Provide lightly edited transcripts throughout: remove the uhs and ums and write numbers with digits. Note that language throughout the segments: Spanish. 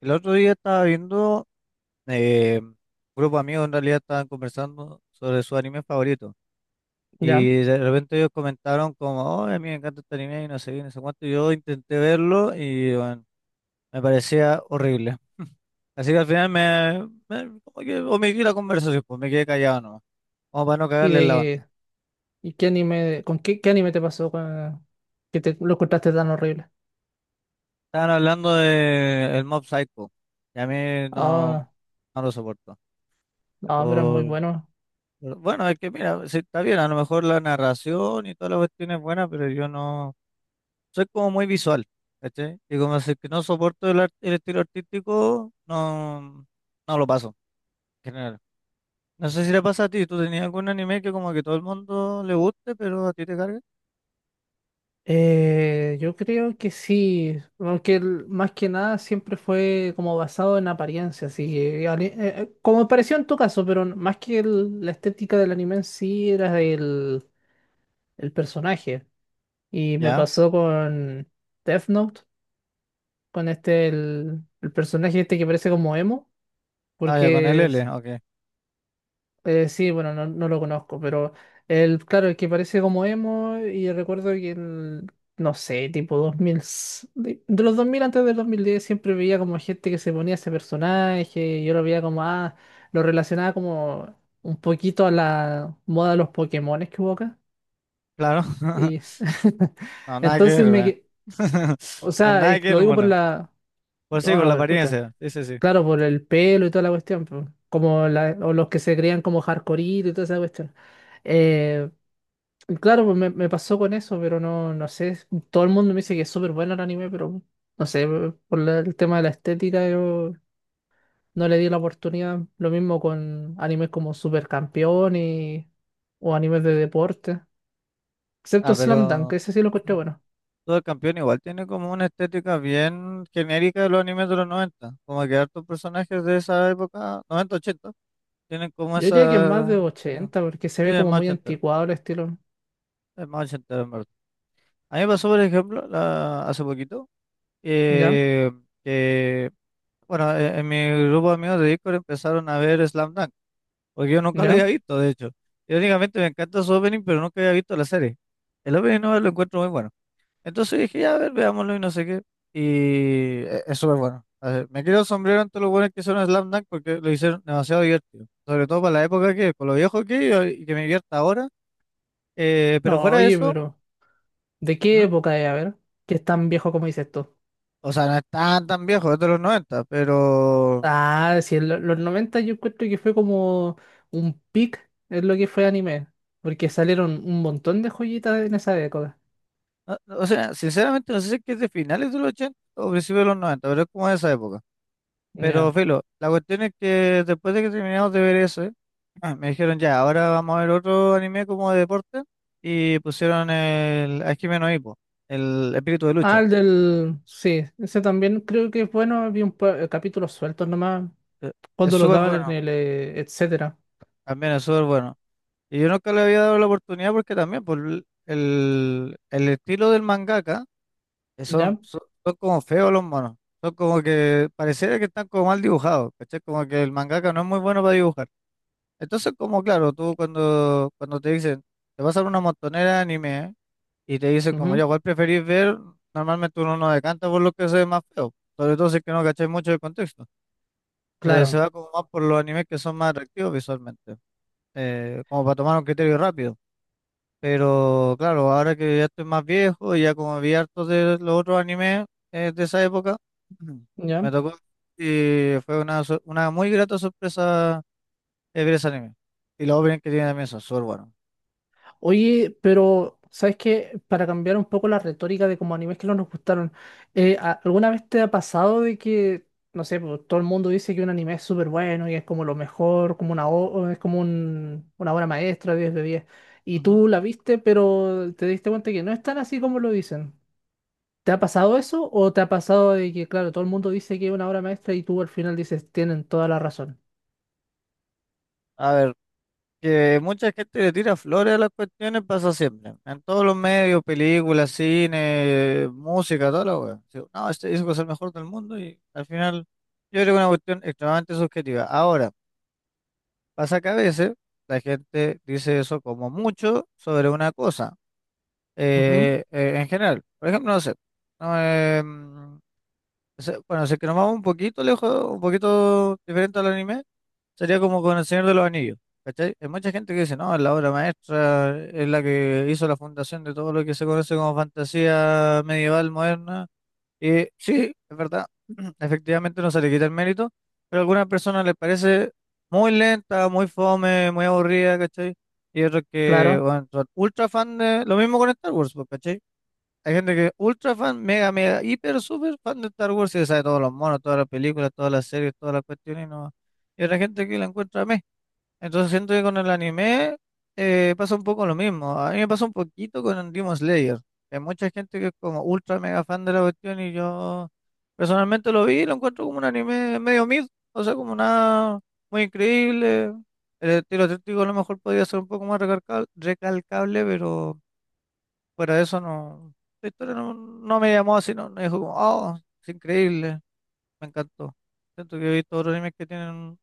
El otro día estaba viendo, un grupo de amigos en realidad estaban conversando sobre su anime favorito. Ya. Y de repente ellos comentaron como, oh, a mí me encanta este anime y no sé qué, no sé cuánto. Y yo intenté verlo y bueno, me parecía horrible. Así que al final como que omití la conversación, pues me quedé callado nomás, como para no ¿Y cagarle en la de banda. y qué anime, con qué anime te pasó que te lo encontraste tan horrible? Estaban hablando de el Mob Psycho, y a mí no, Ah, no lo soporto. ah, pero es muy bueno. Pero bueno, es que mira, sí, está bien, a lo mejor la narración y toda la cuestión es buena, pero yo no soy como muy visual, ¿cachai? Y como así que no soporto el estilo artístico, no, no lo paso, en general. No sé si le pasa a ti, ¿tú tenías algún anime que como que todo el mundo le guste, pero a ti te cargue? Yo creo que sí, aunque más que nada siempre fue como basado en apariencia, así que como pareció en tu caso, pero más que la estética del anime en sí era el personaje. Y me Ya, pasó con Death Note, con este el personaje este que parece como emo, ah, ya con el porque L, ok, sí, bueno, no, no lo conozco, pero claro, el que parece como emo. Y recuerdo que el, no sé, tipo 2000, de los 2000 antes del 2010 siempre veía como gente que se ponía ese personaje, y yo lo veía como, ah, lo relacionaba como un poquito a la moda de los Pokémones que hubo acá. claro. Y No, nada que entonces ver, weón. O No, sea, nada que lo ver, digo por mono. la, Pues sí, no, por no, la pero escucha. apariencia, sí, sí, sí. Claro, por el pelo y toda la cuestión, po. Como o los que se creían como hardcore y toda esa cuestión. Eh, y claro, pues me pasó con eso, pero no, no sé. Todo el mundo me dice que es súper bueno el anime, pero no sé, por el tema de la estética yo no le di la oportunidad. Lo mismo con animes como Super Campeón o animes de deporte. Excepto Ah, pero. Slam Dunk, ese sí lo encontré bueno. Todo el campeón igual tiene como una estética bien genérica de los animes de los noventa, como que hartos personajes de esa época, noventa ochenta, tienen como Yo diría que es más de esa estética. 80 porque se Sí, ve como muy anticuado el estilo. es más ochentero en verdad. A mí me pasó, por ejemplo, hace poquito, ¿Ya? eh, que, bueno, en mi grupo de amigos de Discord empezaron a ver Slam Dunk, porque yo nunca lo había ¿Ya? visto, de hecho. Yo únicamente me encanta su opening, pero nunca había visto la serie. El opening no lo encuentro muy bueno. Entonces dije, ya, a ver, veámoslo y no sé qué. Y es súper bueno. A ver, me quiero el sombrero ante los buenos que hicieron Slam Dunk porque lo hicieron demasiado divertido. Sobre todo para la época que, con lo viejo que y, que me divierta ahora. Pero No, fuera de oye, eso, pero... ¿De qué ¿mm? época es? A ver, que es tan viejo como dices tú. O sea, no es tan tan viejo, es de los 90, pero. Ah, sí, en los 90 yo encuentro que fue como un pic es lo que fue anime, porque salieron un montón de joyitas en esa década. No, o sea, sinceramente no sé si es que es de finales de los 80 o principios de los 90, pero es como de esa época. Ya. Pero, filo, la cuestión es que después de que terminamos de ver eso, ah, me dijeron ya, ahora vamos a ver otro anime como de deporte y pusieron el Hajime no Ippo, el espíritu de lucha. Ah, el del... Sí, ese también creo que es bueno, había capítulos sueltos nomás, Eh, Es cuando los súper daban en bueno, el... etcétera. también es súper bueno. Y yo nunca le había dado la oportunidad porque también por el estilo del mangaka, que ¿Ya? Son como feos los monos, son como que pareciera que están como mal dibujados, ¿cachai? Como que el mangaka no es muy bueno para dibujar. Entonces, como claro, tú cuando te dicen, te vas a ver una montonera de anime y te dice como Ujú. ya, ¿cuál preferís ver? Normalmente uno no decanta por lo que se ve más feo, sobre todo si es que no cacháis mucho el contexto. Se Claro. va como más por los animes que son más atractivos visualmente, como para tomar un criterio rápido. Pero claro, ahora que ya estoy más viejo y ya como vi hartos de los otros animes de esa época, ¿Ya? me tocó y fue una muy grata sorpresa ver ese anime. Y los openings que tiene también son súper buenos. Oye, pero ¿sabes qué? Para cambiar un poco la retórica de como animes que no nos gustaron, ¿alguna vez te ha pasado de que, no sé, pues, todo el mundo dice que un anime es súper bueno y es como lo mejor, como es como una obra maestra, 10 de 10, y Ujú. tú la viste, pero te diste cuenta que no es tan así como lo dicen? ¿Te ha pasado eso o te ha pasado de que, claro, todo el mundo dice que es una obra maestra y tú al final dices, tienen toda la razón? A ver. Que mucha gente le tira flores a las cuestiones, pasa siempre. En todos los medios, películas, cine, música, toda la wea. Sí, no, este disco es el mejor del mundo y al final yo creo que es una cuestión extremadamente subjetiva. Ahora, pasa que a veces la gente dice eso como mucho sobre una cosa Ujú, en general. Por ejemplo, no sé. No, em, o sea, bueno, si es que nos vamos un poquito lejos, un poquito diferente al anime. Sería como con El Señor de los Anillos, ¿cachai? Hay mucha gente que dice, no, es la obra maestra, es la que hizo la fundación de todo lo que se conoce como fantasía medieval moderna. Y sí, es verdad, efectivamente no se le quita el mérito, pero a algunas personas les parece muy lenta, muy fome, muy aburrida, ¿cachai? Y otros que, claro, bueno, son ultra fan de. Lo mismo con Star Wars, pues, ¿cachai? Hay gente que es ultra fan, mega, mega, hiper, super fan de Star Wars y se sabe todos los monos, todas las películas, todas las series, todas las cuestiones y no. Y otra gente que la encuentra, entonces siento que con el anime pasa un poco lo mismo. A mí me pasa un poquito con Demon Slayer. Hay mucha gente que es como ultra mega fan de la cuestión y yo personalmente lo vi y lo encuentro como un anime medio mid. O sea, como nada muy increíble. El estilo artístico a lo mejor podría ser un poco más recalcable, pero fuera de eso no. La historia no, no me llamó así, no, no dijo como, oh, es increíble, me encantó. Siento que he visto otros animes que tienen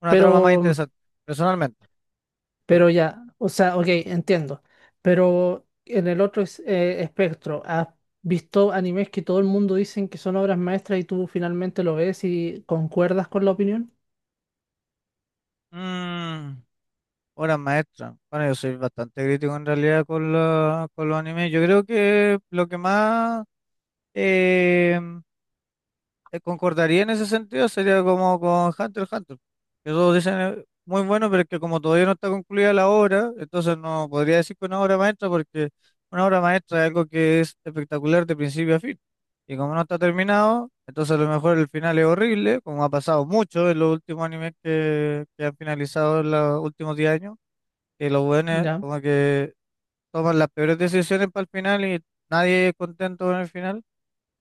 una trama más pero... interesante, personalmente. Sí. Pero ya, o sea, ok, entiendo. Pero en el otro espectro, ¿has visto animes que todo el mundo dicen que son obras maestras y tú finalmente lo ves y concuerdas con la opinión? Mm, obras maestras. Bueno, yo soy bastante crítico en realidad con los animes. Yo creo que lo que más eh, concordaría en ese sentido sería como con Hunter x Hunter. Que todos dicen muy bueno, pero es que como todavía no está concluida la obra, entonces no podría decir que una obra maestra, porque una obra maestra es algo que es espectacular de principio a fin. Y como no está terminado, entonces a lo mejor el final es horrible, como ha pasado mucho en los últimos animes que han finalizado en los últimos 10 años, que los buenos Ya, como que toman las peores decisiones para el final y nadie es contento con el final.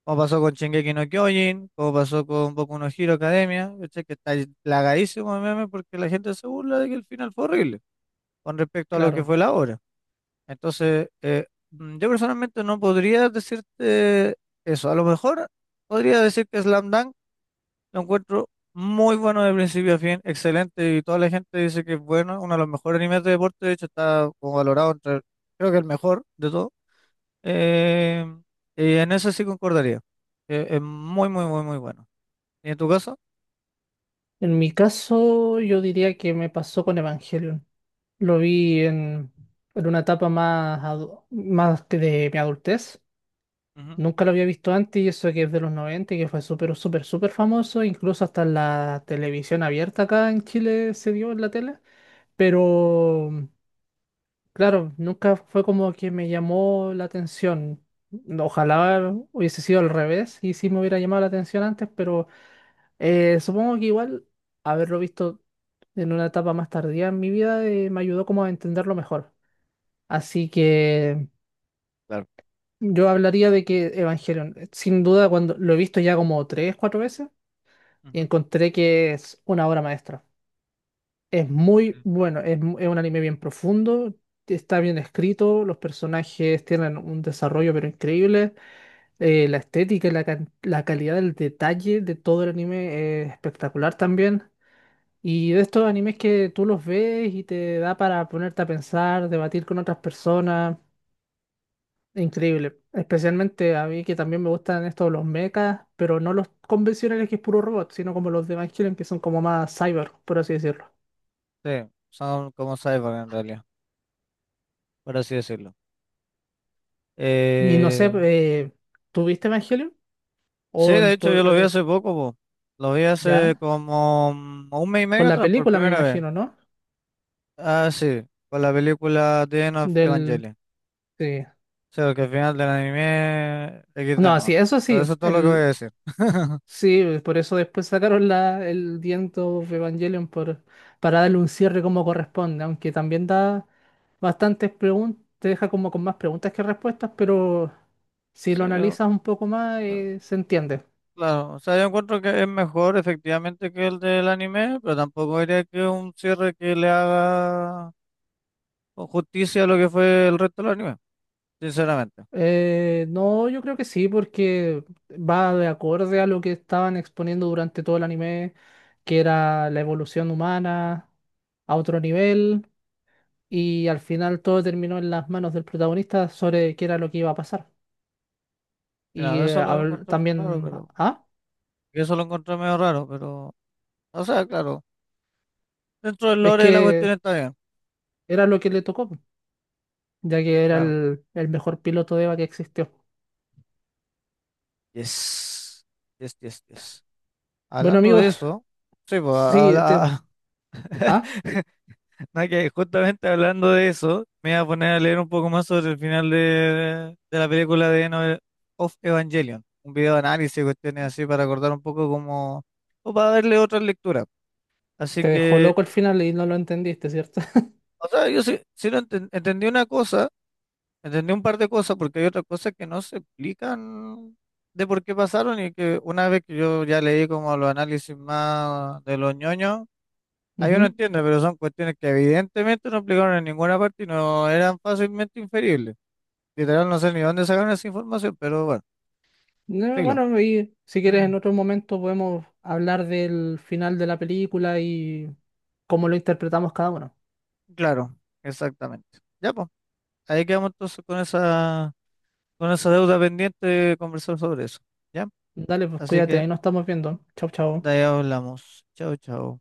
Como pasó con Shingeki no Kyojin, como pasó con Boku no Hero Academia, ¿cachai? Que está plagadísimo de memes porque la gente se burla de que el final fue horrible con respecto a lo que claro. fue la obra. Entonces, yo personalmente no podría decirte eso. A lo mejor podría decir que Slam Dunk lo encuentro muy bueno de principio a fin, excelente, y toda la gente dice que es bueno, uno de los mejores animes de deporte, de hecho está como valorado entre, creo que el mejor de todo. Eh, y en eso sí concordaría, que es muy, muy, muy, muy bueno. ¿Y en tu caso? En mi caso, yo diría que me pasó con Evangelion. Lo vi en, una etapa más que de mi adultez. Ujú. Nunca lo había visto antes y eso que es de los 90 y que fue súper, súper, súper famoso. Incluso hasta en la televisión abierta acá en Chile se dio en la tele. Pero, claro, nunca fue como que me llamó la atención. Ojalá hubiese sido al revés y sí me hubiera llamado la atención antes, pero supongo que igual haberlo visto en una etapa más tardía en mi vida me ayudó como a entenderlo mejor. Así que Claro. yo hablaría de que Evangelion, sin duda, cuando lo he visto ya como tres, cuatro veces, Ujú. encontré que es una obra maestra. Es muy bueno, es un anime bien profundo, está bien escrito, los personajes tienen un desarrollo pero increíble, la estética y la calidad del detalle de todo el anime es espectacular también. Y de estos animes que tú los ves y te da para ponerte a pensar, debatir con otras personas, increíble. Especialmente a mí que también me gustan estos los mechas, pero no los convencionales que es puro robot, sino como los de Evangelion que son como más cyber, por así decirlo. Sí, son como cyborg en realidad, por así decirlo. Y no sé, Eh, ¿tuviste Evangelion? sí, O de no, hecho yo lo vi hace poco, po. Lo vi hace ya, como un mes y con medio la atrás, por película me primera vez. imagino, ¿no? Ah, sí, con la película The End of Del Evangelion. sí. Sí, porque al final del anime XD No, no. sí, eso Pero eso sí, es todo lo que voy a el decir. sí, por eso después sacaron el The End of Evangelion, para darle un cierre como corresponde, aunque también da bastantes preguntas, te deja como con más preguntas que respuestas, pero si Sí, lo analizas un poco más, eh, se entiende. claro. O sea, yo encuentro que es mejor efectivamente que el del anime, pero tampoco diría que es un cierre que le haga con justicia a lo que fue el resto del anime, sinceramente. No, yo creo que sí, porque va de acorde a lo que estaban exponiendo durante todo el anime, que era la evolución humana a otro nivel, y al final todo terminó en las manos del protagonista sobre qué era lo que iba a pasar. Y Mira, eso lo encontré raro, también, pero ah, eso lo encontré medio raro, pero, o sea, claro, dentro del es lore de la cuestión que está bien, era lo que le tocó, ya que era claro. el mejor piloto de EVA que existió. Yes. Yes, yes, yes. Bueno, Hablando amigos, de eso, sí, pues, sí, ah, No, que justamente hablando de eso, me voy a poner a leer un poco más sobre el final de la película de End of Evangelion. Un video de análisis, cuestiones así, para acordar un poco como, o para darle otra lectura. Así te dejó que, loco al final y no lo entendiste, ¿cierto? o sea, yo sí, entendí una cosa, entendí un par de cosas, porque hay otras cosas que no se explican de por qué pasaron y que una vez que yo ya leí como los análisis más de los ñoños, ah, yo no Ujú. entiendo, pero son cuestiones que evidentemente no aplicaron en ninguna parte y no eran fácilmente inferibles. Literal, no sé ni dónde sacaron esa información, pero bueno, No, filo. bueno, y si quieres en otro momento podemos hablar del final de la película y cómo lo interpretamos cada uno. Claro, exactamente. Ya, pues, ahí quedamos entonces con esa deuda pendiente de conversar sobre eso. ¿Ya? Dale, pues Así cuídate, que ahí nos estamos viendo. Chau, de chau. ahí hablamos. Chao, chao.